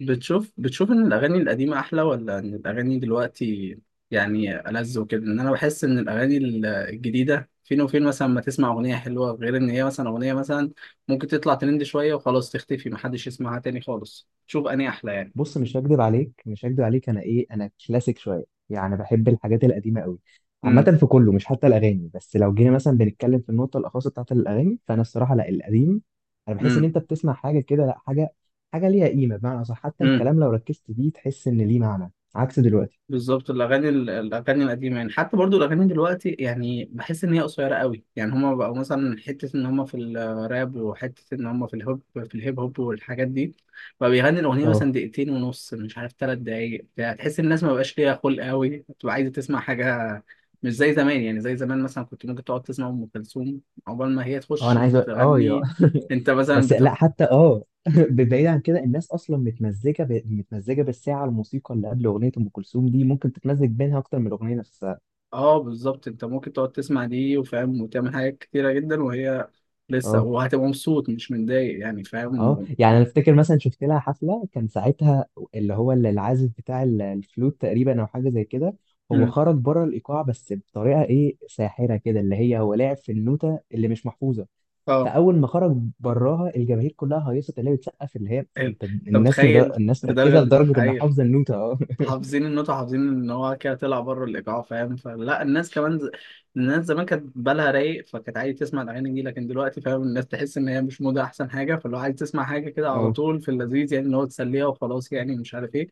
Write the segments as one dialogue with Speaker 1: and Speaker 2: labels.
Speaker 1: بتشوف ان الاغاني القديمه احلى ولا ان الاغاني دلوقتي يعني ألذ وكده؟ ان انا بحس ان الاغاني الجديده فين وفين، مثلا ما تسمع اغنيه حلوه، غير ان هي مثلا اغنيه مثلا ممكن تطلع ترند شويه وخلاص تختفي، محدش يسمعها تاني خالص. شوف اني احلى يعني.
Speaker 2: بص، مش هكدب عليك، انا كلاسيك شويه. يعني بحب الحاجات القديمه قوي.
Speaker 1: امم.
Speaker 2: عامه في كله، مش حتى الاغاني، بس لو جينا مثلا بنتكلم في النقطه الاخاصه بتاعت الاغاني فانا الصراحه لا، القديم. انا بحس ان
Speaker 1: امم.
Speaker 2: انت بتسمع حاجه كده، لا، حاجه ليها قيمه، بمعنى اصح. حتى
Speaker 1: امم.
Speaker 2: الكلام لو ركزت فيه تحس ان ليه معنى، عكس دلوقتي.
Speaker 1: بالظبط. الاغاني القديمه يعني، حتى برضو الاغاني دلوقتي يعني بحس ان هي قصيره قوي، يعني هما بقوا مثلا حته ان هما في الراب، وحته ان هما في الهيب هوب والحاجات دي، بقى بيغني الاغنيه
Speaker 2: اه
Speaker 1: مثلا دقيقتين ونص، مش عارف 3 دقايق بتاع. تحس الناس ما بقاش ليها خلق قوي، بتبقى عايزه تسمع حاجه. مش زي زمان يعني، زي زمان مثلا كنت ممكن تقعد تسمع ام كلثوم عقبال ما هي
Speaker 2: اه
Speaker 1: تخش
Speaker 2: انا عايز يا
Speaker 1: تغني. انت مثلا.
Speaker 2: بس لا، حتى بعيد عن كده، الناس اصلا متمزجه متمزجه بالساعه، الموسيقى اللي قبل اغنيه ام كلثوم دي ممكن تتمزج بينها اكتر من الاغنيه نفسها.
Speaker 1: اه، بالظبط. انت ممكن تقعد تسمع دي وفاهم وتعمل حاجات كتيرة جدا وهي لسه،
Speaker 2: اه
Speaker 1: وهتبقى مبسوط مش متضايق يعني،
Speaker 2: اه
Speaker 1: فاهم.
Speaker 2: يعني انا افتكر مثلا شفت لها حفله، كان ساعتها اللي هو اللي العازف بتاع الفلوت تقريبا، او حاجه زي كده. هو
Speaker 1: مم.
Speaker 2: خرج بره الايقاع، بس بطريقه ايه، ساحره كده، اللي هي هو لعب في النوته اللي مش محفوظه.
Speaker 1: اه.
Speaker 2: فاول ما خرج براها الجماهير كلها هيصت، اللي هي بتسقف، اللي هي
Speaker 1: ال-
Speaker 2: انت
Speaker 1: انت متخيل
Speaker 2: الناس ركزت
Speaker 1: لدرجة دي؟
Speaker 2: لدرجه انها
Speaker 1: ايوه.
Speaker 2: حافظه النوته. اه.
Speaker 1: حافظين النوت وحافظين ان هو كده طلع بره الايقاع، فاهم. فلا الناس كمان ز... الناس زمان كانت بالها رايق، فكانت عايز تسمع الاغاني دي، لكن دلوقتي فاهم الناس تحس ان هي مش موضه احسن حاجه، فلو عايز تسمع حاجه كده على
Speaker 2: اه
Speaker 1: طول في اللذيذ، يعني ان هو تسليها وخلاص يعني، مش عارف ايه.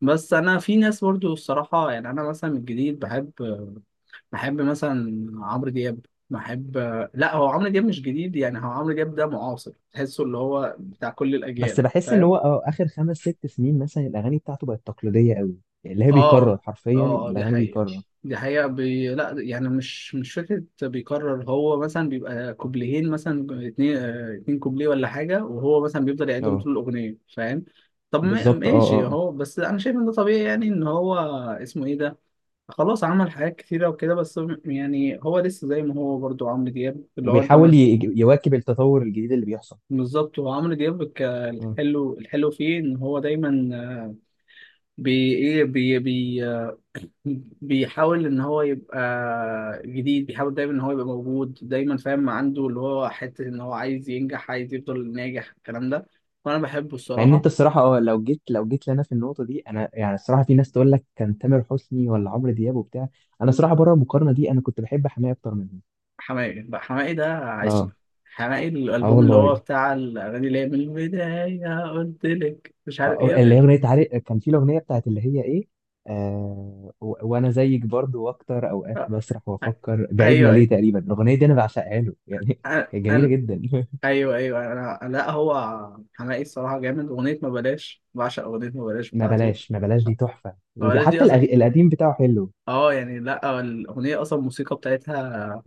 Speaker 1: بس انا في ناس برضو الصراحه، يعني انا مثلا من الجديد بحب مثلا عمرو دياب. بحب، لا، هو عمرو دياب مش جديد يعني، هو عمرو دياب ده معاصر تحسه اللي هو بتاع كل
Speaker 2: بس
Speaker 1: الاجيال،
Speaker 2: بحس ان
Speaker 1: فاهم.
Speaker 2: هو اه، اخر خمس ست سنين مثلا الاغاني بتاعته بقت تقليديه قوي، اللي هي
Speaker 1: اه، اه،
Speaker 2: بيكرر حرفيا
Speaker 1: آه، دي
Speaker 2: الاغاني،
Speaker 1: حقيقة.
Speaker 2: بيكرر.
Speaker 1: دي حقيقة. لا يعني، مش فكرة بيكرر، هو مثلا بيبقى كوبليهين، مثلا اتنين كوبليه ولا حاجة، وهو مثلا بيفضل يعيدهم
Speaker 2: اه،
Speaker 1: طول الأغنية، فاهم. طب
Speaker 2: بالظبط، اه اه
Speaker 1: ماشي،
Speaker 2: اه.
Speaker 1: هو بس أنا شايف إن ده طبيعي يعني، إن هو، اسمه إيه ده، خلاص عمل حاجات كتيرة وكده، بس يعني هو لسه زي ما هو برضو عمرو دياب، اللي هو أنت
Speaker 2: وبيحاول يواكب التطور الجديد اللي بيحصل.
Speaker 1: بالظبط. هو عمرو دياب
Speaker 2: مم.
Speaker 1: الحلو فيه إن هو دايما بي إيه بي بي بيحاول ان هو يبقى جديد، بيحاول دايما ان هو يبقى موجود دايما، فاهم، عنده اللي هو حته ان هو عايز ينجح، عايز يفضل ناجح الكلام ده. وانا بحبه
Speaker 2: مع ان
Speaker 1: الصراحه.
Speaker 2: انت الصراحه، لو جيت لنا في النقطه دي، انا يعني الصراحه، في ناس تقول لك كان تامر حسني ولا عمرو دياب وبتاع. انا الصراحه بره المقارنه دي، انا كنت بحب حماية اكتر منهم.
Speaker 1: حماقي بقى، حماقي ده
Speaker 2: اه،
Speaker 1: عشق. حماقي،
Speaker 2: اه
Speaker 1: الالبوم اللي
Speaker 2: والله.
Speaker 1: هو بتاع الاغاني اللي هي من البدايه، قلت لك، مش عارف
Speaker 2: اه،
Speaker 1: ايه
Speaker 2: اللي هي اغنيه، عارف، كان في الاغنيه بتاعت اللي هي ايه؟ آه وانا زيك برضو، واكتر اوقات بسرح وافكر بعيدنا
Speaker 1: ايوه، ايوه،
Speaker 2: ليه. تقريبا الاغنيه دي انا بعشقها له، يعني
Speaker 1: انا
Speaker 2: هي جميله
Speaker 1: أنا-
Speaker 2: جدا.
Speaker 1: ايوه، ايوه، انا، لا، هو حماقي الصراحه جامد. اغنيه ما بلاش، بعشق اغنيه ما بلاش
Speaker 2: ما
Speaker 1: بتاعته.
Speaker 2: بلاش، ما بلاش دي تحفه،
Speaker 1: ما بلاش دي
Speaker 2: وحتى
Speaker 1: اصلا،
Speaker 2: القديم بتاعه حلو.
Speaker 1: اه يعني، لا الاغنيه اصلا، الموسيقى بتاعتها،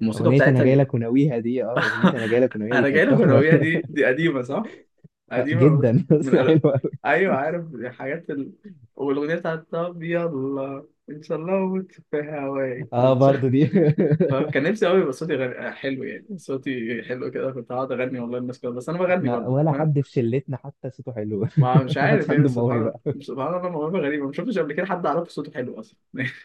Speaker 1: الموسيقى
Speaker 2: اغنيه انا
Speaker 1: بتاعتها
Speaker 2: جاي
Speaker 1: ج-
Speaker 2: لك وناويها دي، اغنيه انا جاي لك وناويها دي
Speaker 1: انا جاي
Speaker 2: كانت
Speaker 1: لك،
Speaker 2: تحفه.
Speaker 1: الاغنيه دي دي قديمه صح.
Speaker 2: آه،
Speaker 1: قديمه،
Speaker 2: جدا.
Speaker 1: بس من
Speaker 2: بس حلوه قوي.
Speaker 1: ايوه عارف، دي حاجات والاغنيه بتاعت، طب يلا، ان شاء الله اموت في هواك،
Speaker 2: اه،
Speaker 1: ان شاء
Speaker 2: برضو دي.
Speaker 1: الله. كان نفسي قوي يبقى صوتي حلو، يعني صوتي حلو كده كنت هقعد اغني والله الناس كده، بس انا بغني
Speaker 2: احنا
Speaker 1: برضه،
Speaker 2: ولا
Speaker 1: فاهم.
Speaker 2: حد في شلتنا حتى صوته حلو.
Speaker 1: ما مش
Speaker 2: ما
Speaker 1: عارف
Speaker 2: حدش
Speaker 1: يعني،
Speaker 2: عنده
Speaker 1: سبحان الله.
Speaker 2: موهبه.
Speaker 1: سبحان الله، موهبه غريبه، ما شفتش قبل كده حد اعرفه صوته حلو اصلا.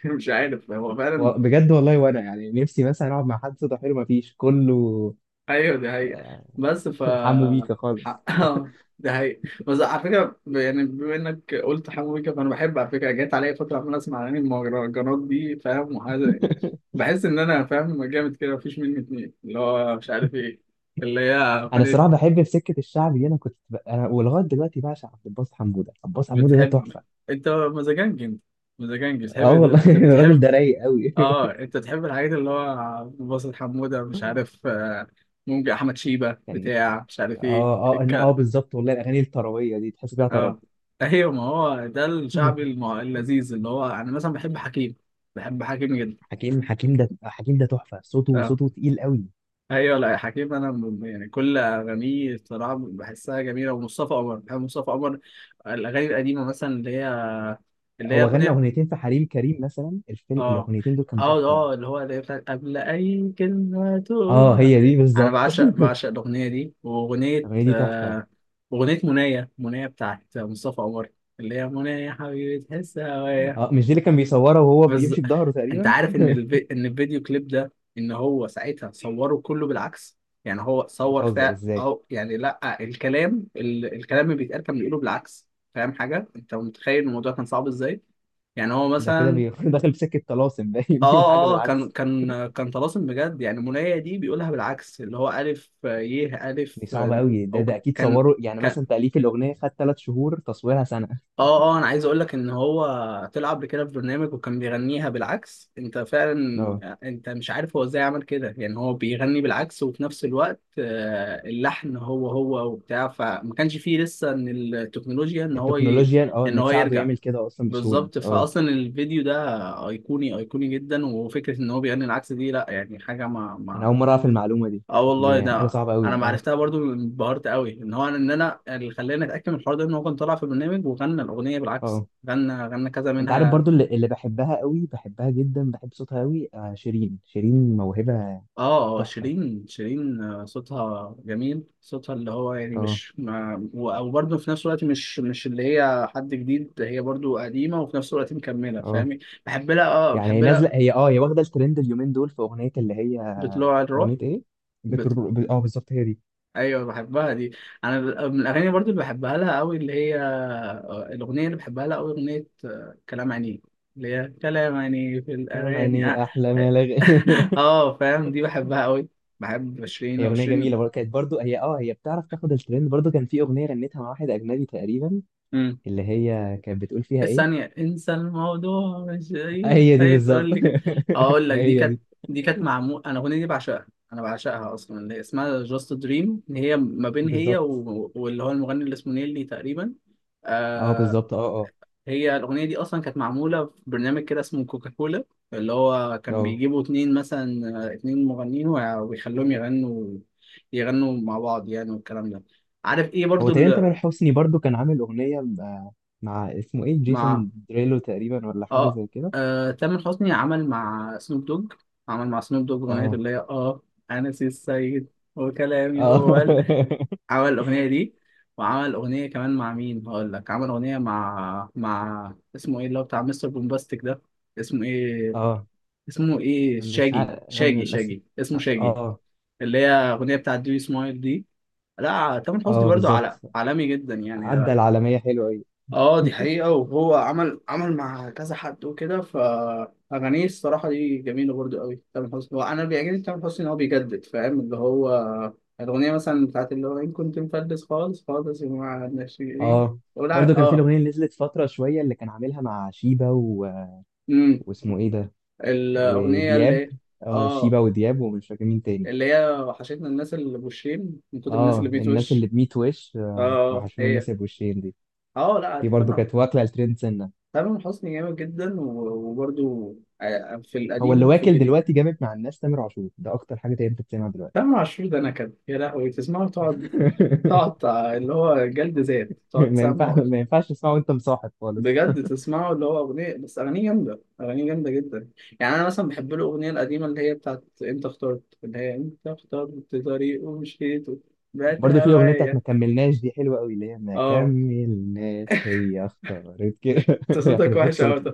Speaker 1: مش عارف، هو فعلا.
Speaker 2: بجد والله، وانا يعني نفسي مثلا اقعد مع حد صوته حلو، ما فيش كله.
Speaker 1: ايوه دي حقيقة.
Speaker 2: آه،
Speaker 1: بس ف
Speaker 2: حمو بيكا خالص.
Speaker 1: حقها. دي حقيقة. بس على فكرة، يعني بما انك قلت حمو بيكا، فانا بحب على فكرة، جت عليا فترة عمال اسمع اغاني المهرجانات دي، فاهم، وحاجة يعني، بحس ان انا فاهم جامد كده، مفيش مني اتنين اللي هو، مش عارف ايه، اللي هي
Speaker 2: انا الصراحه
Speaker 1: اغنية.
Speaker 2: بحب في سكه الشعب دي، انا ولغايه دلوقتي بعشق عبد الباسط حموده. عبد الباسط حموده ده
Speaker 1: بتحب،
Speaker 2: تحفه.
Speaker 1: انت مزاجنج، انت مزاجنج،
Speaker 2: اه
Speaker 1: بتحب
Speaker 2: والله. الراجل
Speaker 1: بتحب.
Speaker 2: ده رايق قوي.
Speaker 1: اه، انت تحب الحاجات اللي هو باسل حمودة، مش عارف ممكن احمد شيبة
Speaker 2: كان
Speaker 1: بتاع، مش عارف ايه.
Speaker 2: بالظبط والله، الاغاني الطربيه دي تحس فيها طرب.
Speaker 1: اه. ايوه، ما هو ده الشعبي اللذيذ، اللي هو انا مثلا بحب حكيم. بحب حكيم جدا.
Speaker 2: حكيم، حكيم ده، حكيم ده تحفه، صوته،
Speaker 1: اه،
Speaker 2: صوته تقيل قوي.
Speaker 1: ايوه، لا حكيم انا يعني كل اغانيه الصراحه بحسها جميله. ومصطفى قمر، بحب مصطفى قمر، الاغاني القديمه مثلا، اللي هي
Speaker 2: هو غنى
Speaker 1: اغنيه،
Speaker 2: اغنيتين في حريم كريم مثلا، الفيلم،
Speaker 1: اه،
Speaker 2: الاغنيتين دول كانوا
Speaker 1: اه،
Speaker 2: تحفه.
Speaker 1: اه، اللي هو اللي هي بتاعت قبل اي كلمه
Speaker 2: اه،
Speaker 1: تقولها.
Speaker 2: هي دي
Speaker 1: انا
Speaker 2: بالظبط.
Speaker 1: بعشق الاغنيه دي. واغنيه
Speaker 2: الاغنيه دي تحفه.
Speaker 1: آه اغنيه منايه منايه بتاعت مصطفى قمر، اللي هي منايه حبيبي تحس هوايا.
Speaker 2: اه، مش دي اللي كان بيصورها وهو
Speaker 1: بالظبط.
Speaker 2: بيمشي بظهره
Speaker 1: انت
Speaker 2: تقريبا؟
Speaker 1: عارف ان الفيديو كليب ده، ان هو ساعتها صوره كله بالعكس، يعني هو صور،
Speaker 2: بتهزر
Speaker 1: فا
Speaker 2: ازاي؟
Speaker 1: او يعني، لا، الكلام الكلام اللي بيتقال كان بيقوله بالعكس، فاهم حاجه؟ انت متخيل الموضوع كان صعب ازاي؟ يعني هو
Speaker 2: ده كده
Speaker 1: مثلا،
Speaker 2: داخل في سكه طلاسم
Speaker 1: اه،
Speaker 2: باين. بيقول حاجه
Speaker 1: اه، آه، كان
Speaker 2: بالعكس؟
Speaker 1: كان كان طلاسم بجد، يعني منايا دي بيقولها بالعكس، اللي هو الف، ي، الف.
Speaker 2: دي صعبه قوي. ده
Speaker 1: او
Speaker 2: ده اكيد
Speaker 1: كان،
Speaker 2: صوره، يعني مثلا
Speaker 1: ك-
Speaker 2: تاليف الاغنيه خد 3 شهور، تصويرها سنه.
Speaker 1: اه، اه، انا عايز اقول لك ان هو طلع قبل كده في برنامج وكان بيغنيها بالعكس، انت فعلا،
Speaker 2: اه،
Speaker 1: انت مش عارف هو ازاي عمل كده، يعني هو بيغني بالعكس وفي نفس الوقت اللحن هو هو وبتاع، فما كانش فيه لسه ان التكنولوجيا
Speaker 2: التكنولوجيا، اه،
Speaker 1: ان
Speaker 2: ان
Speaker 1: هو
Speaker 2: تساعده
Speaker 1: يرجع.
Speaker 2: يعمل كده اصلا بسهوله.
Speaker 1: بالظبط.
Speaker 2: اه،
Speaker 1: فاصلا الفيديو ده ايقوني ايقوني جدا، وفكره ان هو بيغني العكس دي لا يعني حاجه، ما
Speaker 2: انا
Speaker 1: ما
Speaker 2: اول مره اعرف المعلومه دي،
Speaker 1: اه والله
Speaker 2: دي حاجه
Speaker 1: ده،
Speaker 2: صعبه قوي.
Speaker 1: انا ما
Speaker 2: اه،
Speaker 1: عرفتها برضو، انبهرت قوي ان انا اللي خلاني اتاكد من الحوار ده ان هو كان طالع في برنامج وغنى الاغنيه بالعكس.
Speaker 2: اه
Speaker 1: غنى كذا
Speaker 2: انت عارف
Speaker 1: منها.
Speaker 2: برضو اللي بحبها قوي، بحبها جدا، بحب صوتها قوي؟ آه، شيرين. شيرين موهبة،
Speaker 1: اه، آه،
Speaker 2: تحفة.
Speaker 1: شيرين، شيرين، صوتها جميل. صوتها اللي هو يعني
Speaker 2: اه
Speaker 1: مش، ما و- او برضو في نفس الوقت مش اللي هي حد جديد، هي برضو قديمه وفي نفس الوقت مكمله،
Speaker 2: اه
Speaker 1: فاهمي.
Speaker 2: يعني هي
Speaker 1: بحب لها
Speaker 2: نازلة، هي واخدة الترند اليومين دول في أغنية اللي هي،
Speaker 1: بطلوع الروح.
Speaker 2: أغنية ايه؟ بتر... ب- اه بالظبط، هي دي.
Speaker 1: ايوه بحبها دي. انا من الاغاني برضو اللي بحبها لها قوي، اللي هي الاغنيه اللي بحبها لها قوي اغنيه، كلام عينيك، اللي هي كلام عينيك في
Speaker 2: كلام،
Speaker 1: الاغاني. اه.
Speaker 2: يعني أحلى ما
Speaker 1: آه، فاهم، دي بحبها قوي. بحب شيرين،
Speaker 2: هي أغنية جميلة
Speaker 1: وشيرين.
Speaker 2: برضو، كانت برضو، هي بتعرف تاخد الترند. برضو كان في أغنية غنتها مع واحد أجنبي تقريبا،
Speaker 1: امم.
Speaker 2: اللي هي كانت بتقول فيها ايه؟
Speaker 1: الثانيه انسى الموضوع، مش
Speaker 2: آه،
Speaker 1: هي،
Speaker 2: هي دي
Speaker 1: هي
Speaker 2: بالظبط.
Speaker 1: تقول لي هقول لك، دي
Speaker 2: هي
Speaker 1: كانت
Speaker 2: دي،
Speaker 1: دي كانت معمول. انا الاغنيه دي بعشقها، انا بعشقها اصلا، اللي هي اسمها جاست دريم، هي ما بين هي
Speaker 2: بالظبط،
Speaker 1: و، واللي هو المغني اللي اسمه نيلي تقريبا.
Speaker 2: اه
Speaker 1: آه،
Speaker 2: بالظبط اه اه
Speaker 1: هي الأغنية دي أصلا كانت معمولة في برنامج كده اسمه كوكاكولا، اللي هو كان
Speaker 2: اه.
Speaker 1: بيجيبوا اتنين مثلا، اتنين مغنيين ويخلوهم يغنوا، يغنوا مع بعض يعني والكلام ده، عارف ايه
Speaker 2: هو
Speaker 1: برضو
Speaker 2: تقريبا
Speaker 1: اللي.
Speaker 2: تامر حسني برضو كان عامل أغنية مع اسمه إيه،
Speaker 1: مع،
Speaker 2: جيسون دريلو تقريبا، ولا حاجة
Speaker 1: اه,
Speaker 2: زي كده.
Speaker 1: تامر حسني عمل مع سنوب دوج أغنية
Speaker 2: اه
Speaker 1: اللي هي، اه، أنا سي السيد. وكلامي
Speaker 2: اه
Speaker 1: هو عمل الأغنية دي، وعمل أغنية كمان مع مين هقول لك، عمل أغنية مع اسمه ايه، اللي هو بتاع مستر بومباستيك ده، اسمه ايه،
Speaker 2: اه
Speaker 1: اسمه ايه،
Speaker 2: مش
Speaker 1: شاجي
Speaker 2: عارف أنا
Speaker 1: شاجي
Speaker 2: للأسف.
Speaker 1: شاجي اسمه شاجي،
Speaker 2: اه،
Speaker 1: اللي هي اغنيه بتاعت دي سمايل دي. لا، تامر حسني
Speaker 2: اه
Speaker 1: برضو
Speaker 2: بالظبط.
Speaker 1: على عالمي جدا يعني.
Speaker 2: عدى العالمية حلوة أوي.
Speaker 1: اه، دي حقيقه، وهو عمل، عمل مع كذا حد وكده، فاغانيه الصراحه دي جميله برضو قوي. تامر حسني، هو انا اللي بيعجبني في تامر حسني ان هو بيجدد، فاهم، اللي هو الاغنيه مثلا بتاعت اللي هو ان كنت مفلس، خالص خالص يا جماعه ناشئين،
Speaker 2: اه، برضو
Speaker 1: ولا،
Speaker 2: كان في
Speaker 1: اه.
Speaker 2: الأغنية اللي نزلت فترة شوية، اللي كان عاملها مع شيبة
Speaker 1: امم.
Speaker 2: واسمه إيه ده،
Speaker 1: الاغنيه
Speaker 2: ودياب.
Speaker 1: اللي،
Speaker 2: اه،
Speaker 1: اه
Speaker 2: شيبة ودياب، ومش فاكر مين تاني.
Speaker 1: اللي هي وحشتنا الناس اللي بوشين من كتر الناس اللي
Speaker 2: اه، الناس اللي
Speaker 1: بيتوش.
Speaker 2: بميت وش، آه،
Speaker 1: اه،
Speaker 2: وحشونا
Speaker 1: هي.
Speaker 2: الناس اللي بوشين دي.
Speaker 1: اه لا
Speaker 2: دي برضو
Speaker 1: تمام.
Speaker 2: كانت واكلة الترند سنة.
Speaker 1: تامر حسني جامد جدا، و- وبرضو، آه، آه، في
Speaker 2: هو اللي
Speaker 1: القديم وفي
Speaker 2: واكل
Speaker 1: الجديد.
Speaker 2: دلوقتي جامد مع الناس تامر عاشور، ده اكتر حاجه تقدر تسمعها دلوقتي.
Speaker 1: تامر عاشور ده نكد يا لهوي، تسمعه اللي هو جلد ذات تقعد تسمعه.
Speaker 2: ما ينفعش تسمعه وانت مصاحب خالص.
Speaker 1: بجد تسمعه، اللي هو أغنية، بس أغانيه جامدة، أغانيه جامدة جدا، يعني أنا مثلا بحب له الأغنية القديمة اللي هي بتاعت أنت اخترت، اللي هي أنت اخترت طريق ومشيت، بعت
Speaker 2: برضه في الاغنيه بتاعت ما
Speaker 1: هوايا.
Speaker 2: كملناش دي حلوه قوي، اللي هي ما
Speaker 1: اه.
Speaker 2: كملناش، هي اختارت كده.
Speaker 1: أنت صوتك
Speaker 2: يخرب بيت
Speaker 1: وحش أوي،
Speaker 2: صوتي.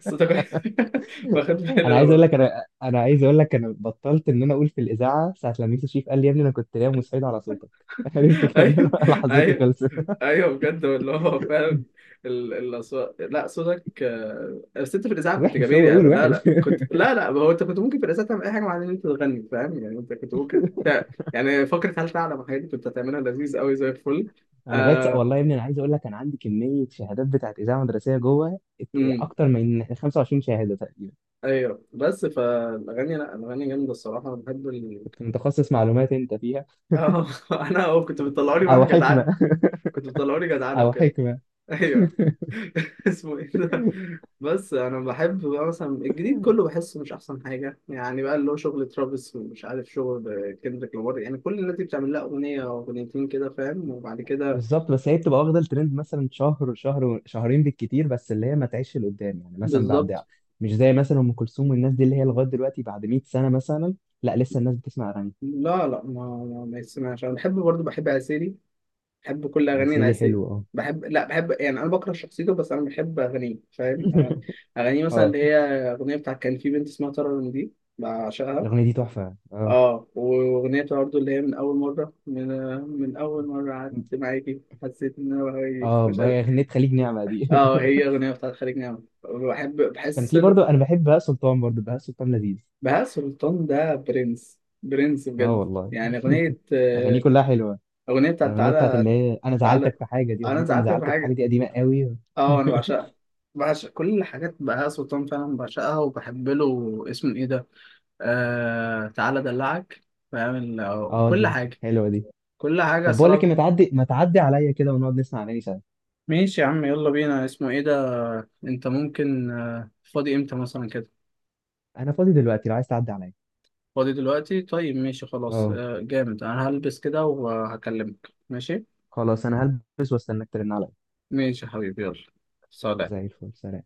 Speaker 1: صوتك وحش. واخد بالي أنا برضه.
Speaker 2: انا عايز اقول لك انا بطلت ان انا اقول في الاذاعه ساعه لما يوسف شريف قال لي يا ابني، انا كنت نايم وصحيت على صوتك. عرفت كان انا.
Speaker 1: ايوه،
Speaker 2: لحظتي
Speaker 1: ايوه،
Speaker 2: خلصت.
Speaker 1: ايوه بجد، اللي هو فعلا الاصوات، لا صوتك، بس انت في الاذاعه كنت
Speaker 2: وحش،
Speaker 1: جميل،
Speaker 2: هو قول
Speaker 1: يعني لا
Speaker 2: وحش.
Speaker 1: لا، كنت، لا لا، ما هو انت كنت ممكن في الاذاعه تعمل اي حاجه مع ان انت تغني، فاهم يعني، انت كنت ممكن يعني فكره هل تعلم، الحاجات دي كنت هتعملها لذيذ قوي زي الفل.
Speaker 2: انا لغايه
Speaker 1: آه...
Speaker 2: والله يا ابني، انا عايز اقول لك انا عندي كميه شهادات بتاعت اذاعه مدرسيه جوه،
Speaker 1: امم.
Speaker 2: اكتر من 25 شهاده تقريبا،
Speaker 1: ايوه، بس فالاغاني، لا، الاغاني جامده الصراحه. انا بحب ال...
Speaker 2: كنت متخصص معلومات انت فيها،
Speaker 1: اه انا كنت بتطلعوني معاها
Speaker 2: او حكمه.
Speaker 1: جدعنه، كنت بتطلعوني جدعنه
Speaker 2: او
Speaker 1: وكده.
Speaker 2: حكمه.
Speaker 1: ايوه. اسمه ايه ده؟ بس انا بحب بقى مثلا الجديد كله بحسه مش احسن حاجه، يعني بقى اللي هو شغل ترافيس، ومش عارف شغل كندريك لامار، يعني كل الناس دي بتعمل لها اغنيه او اغنيتين كده فاهم، وبعد كده.
Speaker 2: بالظبط، بس هي بتبقى واخده الترند مثلا شهر، شهرين بالكتير، بس اللي هي ما تعيش لقدام يعني مثلا بعد.
Speaker 1: بالظبط.
Speaker 2: مش زي مثلا ام كلثوم والناس دي، اللي هي لغايه دلوقتي بعد 100 سنه مثلا، لا، لسه الناس بتسمع اغاني.
Speaker 1: لا لا، ما، ما يسمعش. انا بحب برضه، بحب عسيلي، بحب كل اغاني
Speaker 2: هيسيري
Speaker 1: العسيلي.
Speaker 2: حلو، اه.
Speaker 1: بحب، لا، بحب يعني، انا بكره شخصيته بس انا بحب اغانيه، فاهم، اغاني، اغانيه مثلا
Speaker 2: اه،
Speaker 1: اللي هي اغنيه بتاعت كان في بنت اسمها ترى، دي بعشقها.
Speaker 2: الاغنيه دي تحفه. اه
Speaker 1: اه، واغنيه برضه اللي هي من اول مره، من اول مره قعدت معاكي حسيت ان انا بهوي
Speaker 2: اه
Speaker 1: مش قادر.
Speaker 2: بقى اغنيه خليج نعمه دي.
Speaker 1: اه، هي اغنيه بتاعت خليج نعمة،
Speaker 2: كان
Speaker 1: بحس
Speaker 2: في
Speaker 1: له.
Speaker 2: برضو، انا بحب بهاء سلطان، برضو بهاء سلطان لذيذ.
Speaker 1: بهاء سلطان ده برنس، برنس
Speaker 2: اه
Speaker 1: بجد،
Speaker 2: والله.
Speaker 1: يعني اغنيه،
Speaker 2: اغانيه كلها حلوه.
Speaker 1: بتاعت
Speaker 2: الاغنيه بتاعت
Speaker 1: تعالى.
Speaker 2: اللي هي انا
Speaker 1: تعالى،
Speaker 2: زعلتك في حاجه دي،
Speaker 1: انا
Speaker 2: اغنيه انا
Speaker 1: زعلت في
Speaker 2: زعلتك في حاجه
Speaker 1: حاجه.
Speaker 2: دي قديمه قوي.
Speaker 1: اه، انا بعشقها، بعشق كل الحاجات بهاء سلطان فعلا بعشقها. وبحب له اسمه ايه ده، آه، تعالى ادلعك، فاهم،
Speaker 2: اه،
Speaker 1: كل
Speaker 2: دي
Speaker 1: حاجه.
Speaker 2: حلوه دي.
Speaker 1: كل حاجه
Speaker 2: طب بقول لك
Speaker 1: صراحه.
Speaker 2: إيه، ما تعدي عليا كده ونقعد نسمع اغاني سوا.
Speaker 1: ماشي يا عم، يلا بينا، اسمه ايه ده، انت ممكن، فاضي امتى مثلا كده؟
Speaker 2: انا فاضي دلوقتي لو عايز تعدي عليا.
Speaker 1: فاضي دلوقتي، طيب ماشي خلاص،
Speaker 2: اه،
Speaker 1: جامد. انا هلبس كده وهكلمك، ماشي.
Speaker 2: خلاص، انا هلبس واستناك ترن عليا.
Speaker 1: ماشي يا حبيبي، يلا، سلام.
Speaker 2: زي الفل، سلام.